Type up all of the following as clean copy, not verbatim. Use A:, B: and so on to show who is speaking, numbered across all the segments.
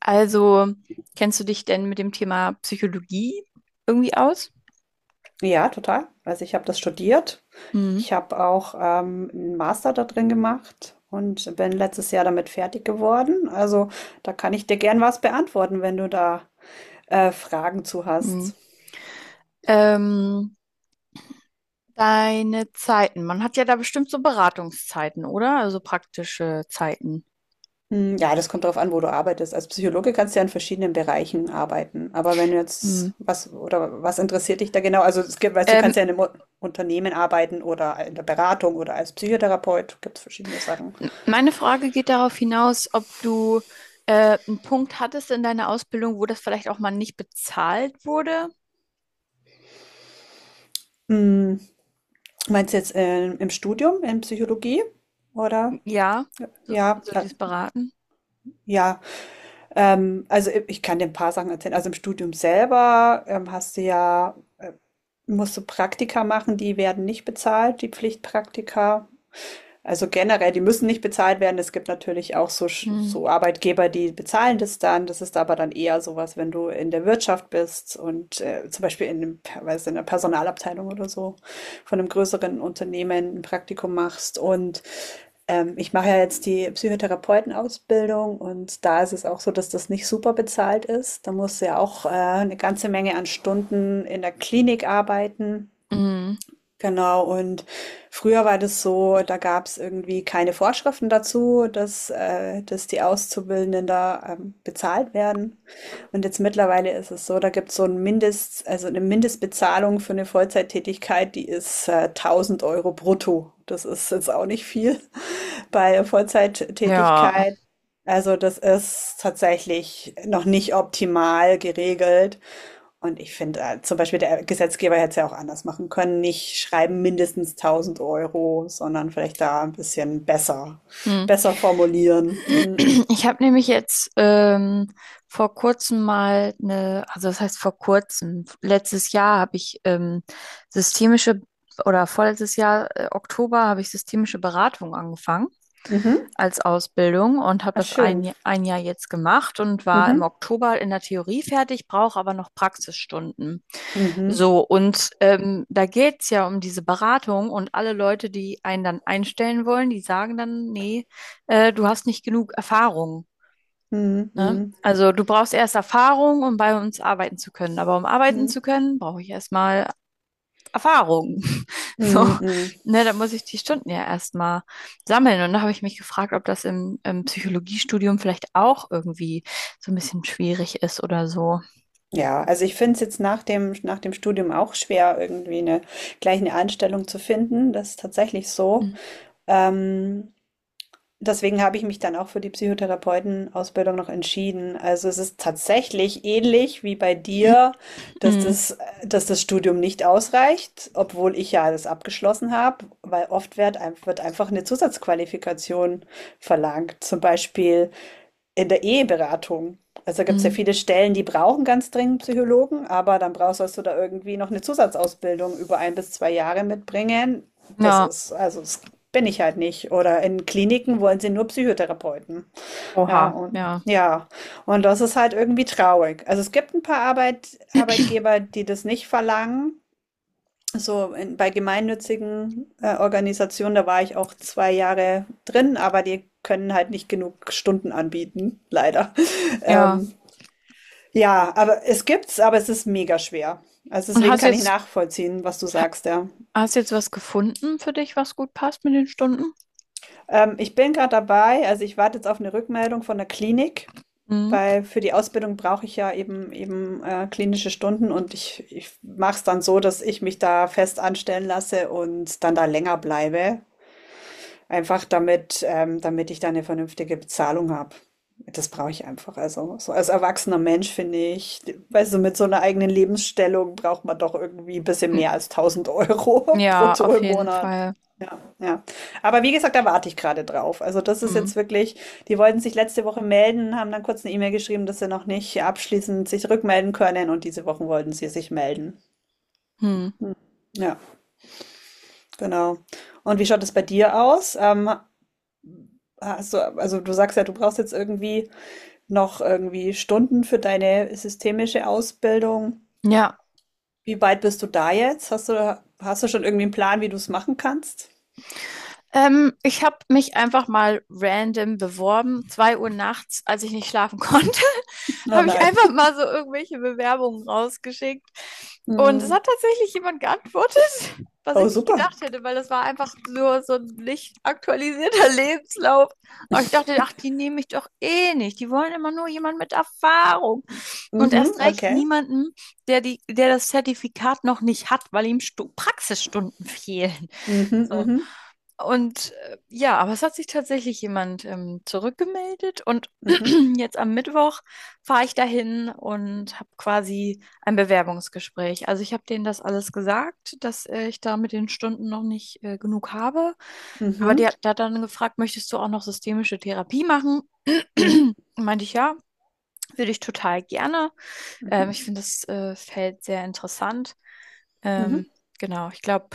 A: Also, kennst du dich denn mit dem Thema Psychologie irgendwie aus?
B: Ja, total. Also ich habe das studiert.
A: Hm.
B: Ich habe auch einen Master da drin gemacht und bin letztes Jahr damit fertig geworden. Also da kann ich dir gern was beantworten, wenn du da Fragen zu
A: Hm.
B: hast.
A: Ähm, Deine Zeiten. Man hat ja da bestimmt so Beratungszeiten, oder? Also praktische Zeiten.
B: Hm, ja, das kommt darauf an, wo du arbeitest. Als Psychologe kannst du ja in verschiedenen Bereichen arbeiten. Aber wenn du
A: Hm.
B: jetzt was oder was interessiert dich da genau? Also es gibt, weißt du,
A: Ähm,
B: kannst ja in einem Unternehmen arbeiten oder in der Beratung oder als Psychotherapeut. Gibt es verschiedene Sachen.
A: Meine Frage geht darauf hinaus, ob du einen Punkt hattest in deiner Ausbildung, wo das vielleicht auch mal nicht bezahlt wurde.
B: Hm, meinst du jetzt im Studium, in Psychologie? Oder?
A: Ja, so,
B: Ja,
A: so dieses Beraten.
B: ja. Also ich kann dir ein paar Sachen erzählen. Also im Studium selber hast du ja, musst du Praktika machen, die werden nicht bezahlt, die Pflichtpraktika. Also generell, die müssen nicht bezahlt werden. Es gibt natürlich auch so,
A: Hm.
B: so Arbeitgeber, die bezahlen das dann. Das ist aber dann eher sowas, wenn du in der Wirtschaft bist und zum Beispiel in, dem, weiß, in der Personalabteilung oder so von einem größeren Unternehmen ein Praktikum machst. Und ich mache ja jetzt die Psychotherapeutenausbildung und da ist es auch so, dass das nicht super bezahlt ist. Da musst du ja auch eine ganze Menge an Stunden in der Klinik arbeiten.
A: Hm.
B: Genau, und früher war das so, da gab es irgendwie keine Vorschriften dazu, dass, dass die Auszubildenden da bezahlt werden. Und jetzt mittlerweile ist es so, da gibt es so ein also eine Mindestbezahlung für eine Vollzeittätigkeit, die ist 1000 Euro brutto. Das ist jetzt auch nicht viel bei
A: Ja.
B: Vollzeittätigkeit. Also das ist tatsächlich noch nicht optimal geregelt. Und ich finde, zum Beispiel der Gesetzgeber hätte es ja auch anders machen können. Nicht schreiben mindestens 1000 Euro, sondern vielleicht da ein bisschen
A: Hm.
B: besser formulieren. Mhm.
A: Ich habe nämlich jetzt vor kurzem mal eine, also das heißt vor kurzem, letztes Jahr habe ich systemische oder vorletztes Jahr, Oktober, habe ich systemische Beratung angefangen
B: Mhm.
A: als Ausbildung und habe
B: Ah,
A: das
B: schön.
A: Ein Jahr jetzt gemacht und war im
B: Mhm.
A: Oktober in der Theorie fertig, brauche aber noch Praxisstunden.
B: Mhm.
A: So, und da geht's ja um diese Beratung, und alle Leute, die einen dann einstellen wollen, die sagen dann: nee, du hast nicht genug Erfahrung.
B: Mhm,
A: Ne?
B: mhm,
A: Also du brauchst erst Erfahrung, um bei uns arbeiten zu können. Aber um arbeiten
B: mhm,
A: zu können, brauche ich erstmal Erfahrung. So,
B: mhm, mhm.
A: ne, da muss ich die Stunden ja erstmal sammeln. Und da habe ich mich gefragt, ob das im, im Psychologiestudium vielleicht auch irgendwie so ein bisschen schwierig ist oder so.
B: Ja, also ich finde es jetzt nach nach dem Studium auch schwer, irgendwie gleich eine Anstellung zu finden. Das ist tatsächlich so.
A: Mhm.
B: Ähm, deswegen habe ich mich dann auch für die Psychotherapeutenausbildung noch entschieden. Also es ist tatsächlich ähnlich wie bei dir, dass das Studium nicht ausreicht, obwohl ich ja das abgeschlossen habe, weil oft wird einfach eine Zusatzqualifikation verlangt. Zum Beispiel. In der Eheberatung. Also gibt es ja
A: Mhm.
B: viele Stellen, die brauchen ganz dringend Psychologen, aber dann brauchst sollst du da irgendwie noch eine Zusatzausbildung über ein bis zwei Jahre mitbringen. Das
A: Ja,
B: ist, also das bin ich halt nicht. Oder in Kliniken wollen sie nur Psychotherapeuten. Ja,
A: oha,
B: und
A: ja.
B: ja, und das ist halt irgendwie traurig. Also es gibt ein paar Arbeitgeber, die das nicht verlangen. So, in, bei gemeinnützigen Organisationen, da war ich auch zwei Jahre drin, aber die können halt nicht genug Stunden anbieten, leider.
A: Ja.
B: Ähm, ja, aber es gibt's, aber es ist mega schwer. Also
A: Und
B: deswegen kann ich nachvollziehen, was du sagst, ja.
A: hast jetzt was gefunden für dich, was gut passt mit den Stunden?
B: Ich bin gerade dabei, also ich warte jetzt auf eine Rückmeldung von der Klinik,
A: Mhm.
B: weil für die Ausbildung brauche ich ja eben klinische Stunden und ich mache es dann so, dass ich mich da fest anstellen lasse und dann da länger bleibe. Einfach damit damit ich da eine vernünftige Bezahlung habe. Das brauche ich einfach. Also, so als erwachsener Mensch finde ich d weißt du, mit so einer eigenen Lebensstellung braucht man doch irgendwie 'n bisschen mehr als tausend Euro
A: Ja,
B: brutto
A: auf
B: im
A: jeden
B: Monat.
A: Fall.
B: Ja, ja. Aber wie gesagt, da warte ich gerade drauf. Also, das ist
A: Mhm.
B: jetzt wirklich die wollten sich letzte Woche melden, haben dann kurz eine E-Mail geschrieben, dass sie noch nicht abschließend sich rückmelden können und diese Woche wollten sie sich melden.
A: Mhm.
B: Ja, genau. Und wie schaut es bei dir aus? Ähm, hast du, also du sagst ja, du brauchst jetzt irgendwie noch irgendwie Stunden für deine systemische Ausbildung.
A: Ja.
B: Wie weit bist du da jetzt? Hast du schon irgendwie einen Plan, wie du es machen kannst?
A: Ich habe mich einfach mal random beworben. Zwei Uhr nachts, als ich nicht schlafen konnte,
B: Oh
A: habe ich
B: nein.
A: einfach mal so irgendwelche Bewerbungen rausgeschickt. Und es
B: Hm.
A: hat tatsächlich jemand geantwortet, was ich
B: Oh,
A: nicht gedacht
B: super.
A: hätte, weil das war einfach nur so ein nicht aktualisierter Lebenslauf. Aber ich dachte, ach, die nehmen mich doch eh nicht. Die wollen immer nur jemanden mit Erfahrung. Und
B: Mhm,
A: erst recht
B: okay.
A: niemanden, der die, der das Zertifikat noch nicht hat, weil ihm Stu Praxisstunden fehlen.
B: Mhm,
A: So.
B: mhm,
A: Und ja, aber es hat sich tatsächlich jemand zurückgemeldet, und
B: mhm,
A: jetzt am Mittwoch fahre ich dahin und habe quasi ein Bewerbungsgespräch. Also ich habe denen das alles gesagt, dass ich da mit den Stunden noch nicht genug habe. Aber
B: mhm,
A: der, der hat dann gefragt: möchtest du auch noch systemische Therapie machen?
B: mhm,
A: Meinte ich ja, würde ich total gerne.
B: mhm,
A: Ich finde das Feld sehr interessant. Ähm, genau, ich glaube,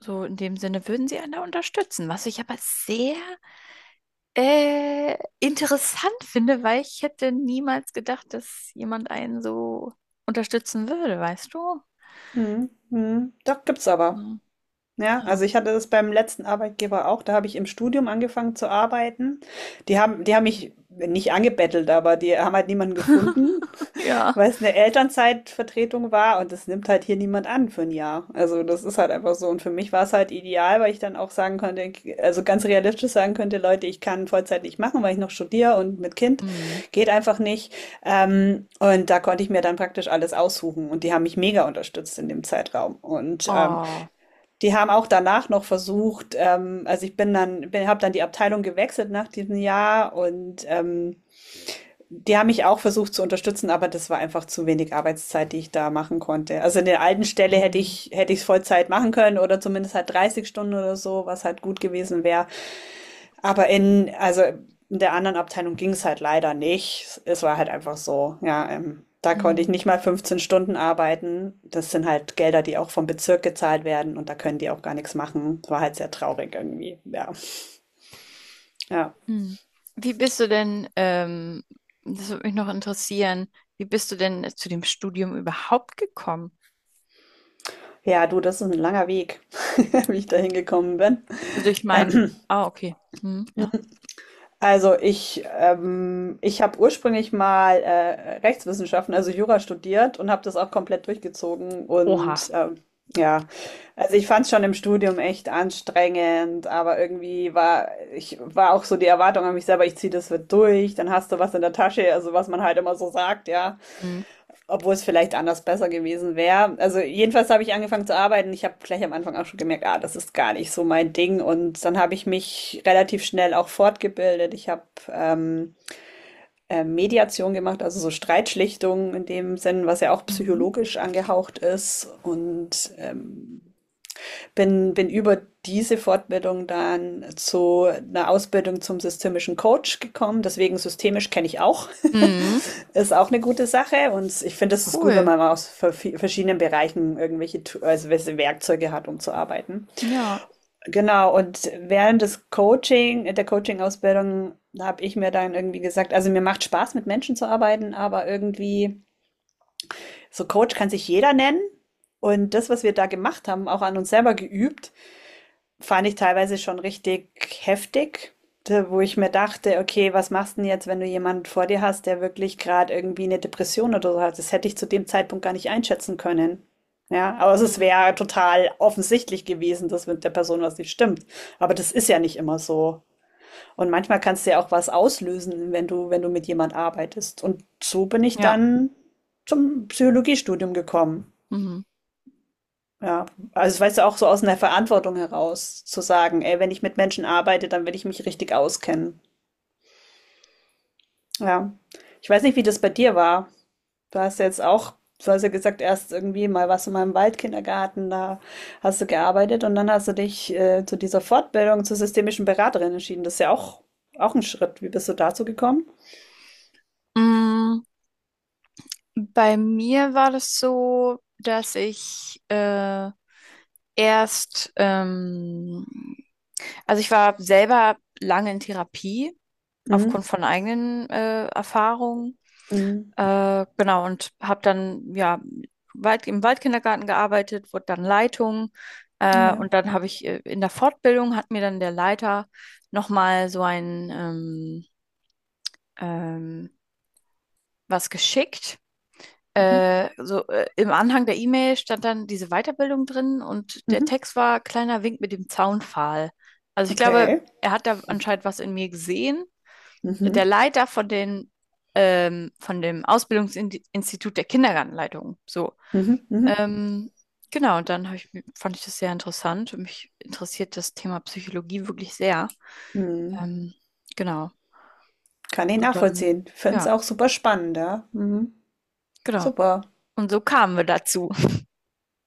A: so in dem Sinne würden sie einen da unterstützen, was ich aber sehr interessant finde, weil ich hätte niemals gedacht, dass jemand einen so unterstützen würde, weißt du?
B: mhm, mhm. Doch, gibt's aber.
A: Ja.
B: Ja, also ich hatte das beim letzten Arbeitgeber auch, da habe ich im Studium angefangen zu arbeiten. Die die haben mich nicht angebettelt, aber die haben halt niemanden gefunden,
A: Ja.
B: weil es eine Elternzeitvertretung war und das nimmt halt hier niemand an für ein Jahr. Also, das ist halt einfach so und für mich war es halt ideal, weil ich dann auch sagen konnte also, ganz realistisch sagen könnte: „Leute, ich kann Vollzeit nicht machen, weil ich noch studiere und mit Kind
A: Hm.
B: geht einfach nicht.“ und da konnte ich mir dann praktisch alles aussuchen und die haben mich mega unterstützt in dem Zeitraum. Und,
A: Oh.
B: die haben auch danach noch versucht, also, ich bin dann bin habe dann die Abteilung gewechselt nach diesem Jahr und, die haben mich auch versucht zu unterstützen, aber das war einfach zu wenig Arbeitszeit, die ich da machen konnte. Also in der alten Stelle hätte
A: Hm.
B: ich hätte ich es Vollzeit machen können oder zumindest halt 30 Stunden oder so, was halt gut gewesen wäre. Aber in also in der anderen Abteilung ging es halt leider nicht. Es war halt einfach so, ja, da konnte ich
A: Hm.
B: nicht mal 15 Stunden arbeiten. Das sind halt Gelder, die auch vom Bezirk gezahlt werden und da können die auch gar nichts machen. Das war halt sehr traurig irgendwie. Ja, ja.
A: Hm. Wie bist du denn, das würde mich noch interessieren, wie bist du denn zu dem Studium überhaupt gekommen?
B: Ja, du, das ist ein langer Weg, wie ich da hingekommen bin.
A: Also ich meine,
B: Äh,
A: ah, okay. Hm, ja.
B: Also ich habe ursprünglich mal Rechtswissenschaften, also Jura studiert und habe das auch komplett durchgezogen.
A: Oha.
B: Und ja, also ich fand es schon im Studium echt anstrengend, aber irgendwie ich war auch so die Erwartung an mich selber, ich ziehe das wird durch, dann hast du was in der Tasche, also was man halt immer so sagt, ja.
A: Hm.
B: Obwohl es vielleicht anders besser gewesen wäre. Also jedenfalls habe ich angefangen zu arbeiten. Ich habe gleich am Anfang auch schon gemerkt, ah, das ist gar nicht so mein Ding. Und dann habe ich mich relativ schnell auch fortgebildet. Ich habe ähm, Mediation gemacht, also so Streitschlichtung in dem Sinn, was ja auch
A: Mhm.
B: psychologisch angehaucht ist. Und bin über diese Fortbildung dann zu einer Ausbildung zum systemischen Coach gekommen. Deswegen systemisch kenne ich auch.
A: Mhm.
B: Ist auch eine gute Sache und ich finde, es ist gut, wenn
A: Cool.
B: man mal aus verschiedenen Bereichen also welche Werkzeuge hat, um zu arbeiten.
A: Ja.
B: Genau, und während der Coaching-Ausbildung habe ich mir dann irgendwie gesagt, also mir macht Spaß, mit Menschen zu arbeiten, aber irgendwie, so Coach kann sich jeder nennen. Und das, was wir da gemacht haben, auch an uns selber geübt, fand ich teilweise schon richtig heftig, da- wo ich mir dachte, okay, was machst du denn jetzt, wenn du jemanden vor dir hast, der wirklich gerade irgendwie eine Depression oder so hat? Das hätte ich zu dem Zeitpunkt gar nicht einschätzen können. Ja, aber es
A: Mhm.
B: wäre total offensichtlich gewesen, dass mit der Person was nicht stimmt. Aber das ist ja nicht immer so. Und manchmal kannst du ja auch was auslösen, wenn du, wenn du mit jemand arbeitest. Und so bin ich
A: Ja.
B: dann zum Psychologiestudium gekommen.
A: Mhm.
B: Ja, also weißt du, auch so aus einer Verantwortung heraus zu sagen, ey, wenn ich mit Menschen arbeite, dann will ich mich richtig auskennen. Ja. Ich weiß nicht, wie das bei dir war. Du hast ja jetzt auch, du hast ja gesagt, erst irgendwie mal warst du mal im Waldkindergarten, da hast du gearbeitet und dann hast du dich zu dieser Fortbildung zur systemischen Beraterin entschieden. Das ist ja auch, auch ein Schritt. Wie bist du dazu gekommen?
A: Mm, bei mir war das so, dass ich erst, also ich war selber lange in Therapie aufgrund
B: Mhm.
A: von eigenen Erfahrungen.
B: Mhm.
A: Genau, und habe dann ja weit, im Waldkindergarten gearbeitet, wurde dann Leitung.
B: Ja.
A: Und dann habe ich in der Fortbildung hat mir dann der Leiter nochmal so ein ähm, was geschickt.
B: Mhm.
A: Im Anhang der E-Mail stand dann diese Weiterbildung drin, und der
B: Mhm.
A: Text war kleiner Wink mit dem Zaunpfahl. Also ich glaube,
B: Okay.
A: er hat da anscheinend was in mir gesehen. Der
B: Mhm.
A: Leiter von den, von dem Ausbildungsinstitut der Kindergartenleitung. So.
B: Mhm. Mhm.
A: Ähm, genau, und dann hab ich, fand ich das sehr interessant, und mich interessiert das Thema Psychologie wirklich sehr.
B: Mhm.
A: Ähm, genau.
B: Kann ich
A: Und dann,
B: nachvollziehen. Finde es
A: ja,
B: auch super spannend, ja. Mhm.
A: genau.
B: Super.
A: Und so kamen wir dazu.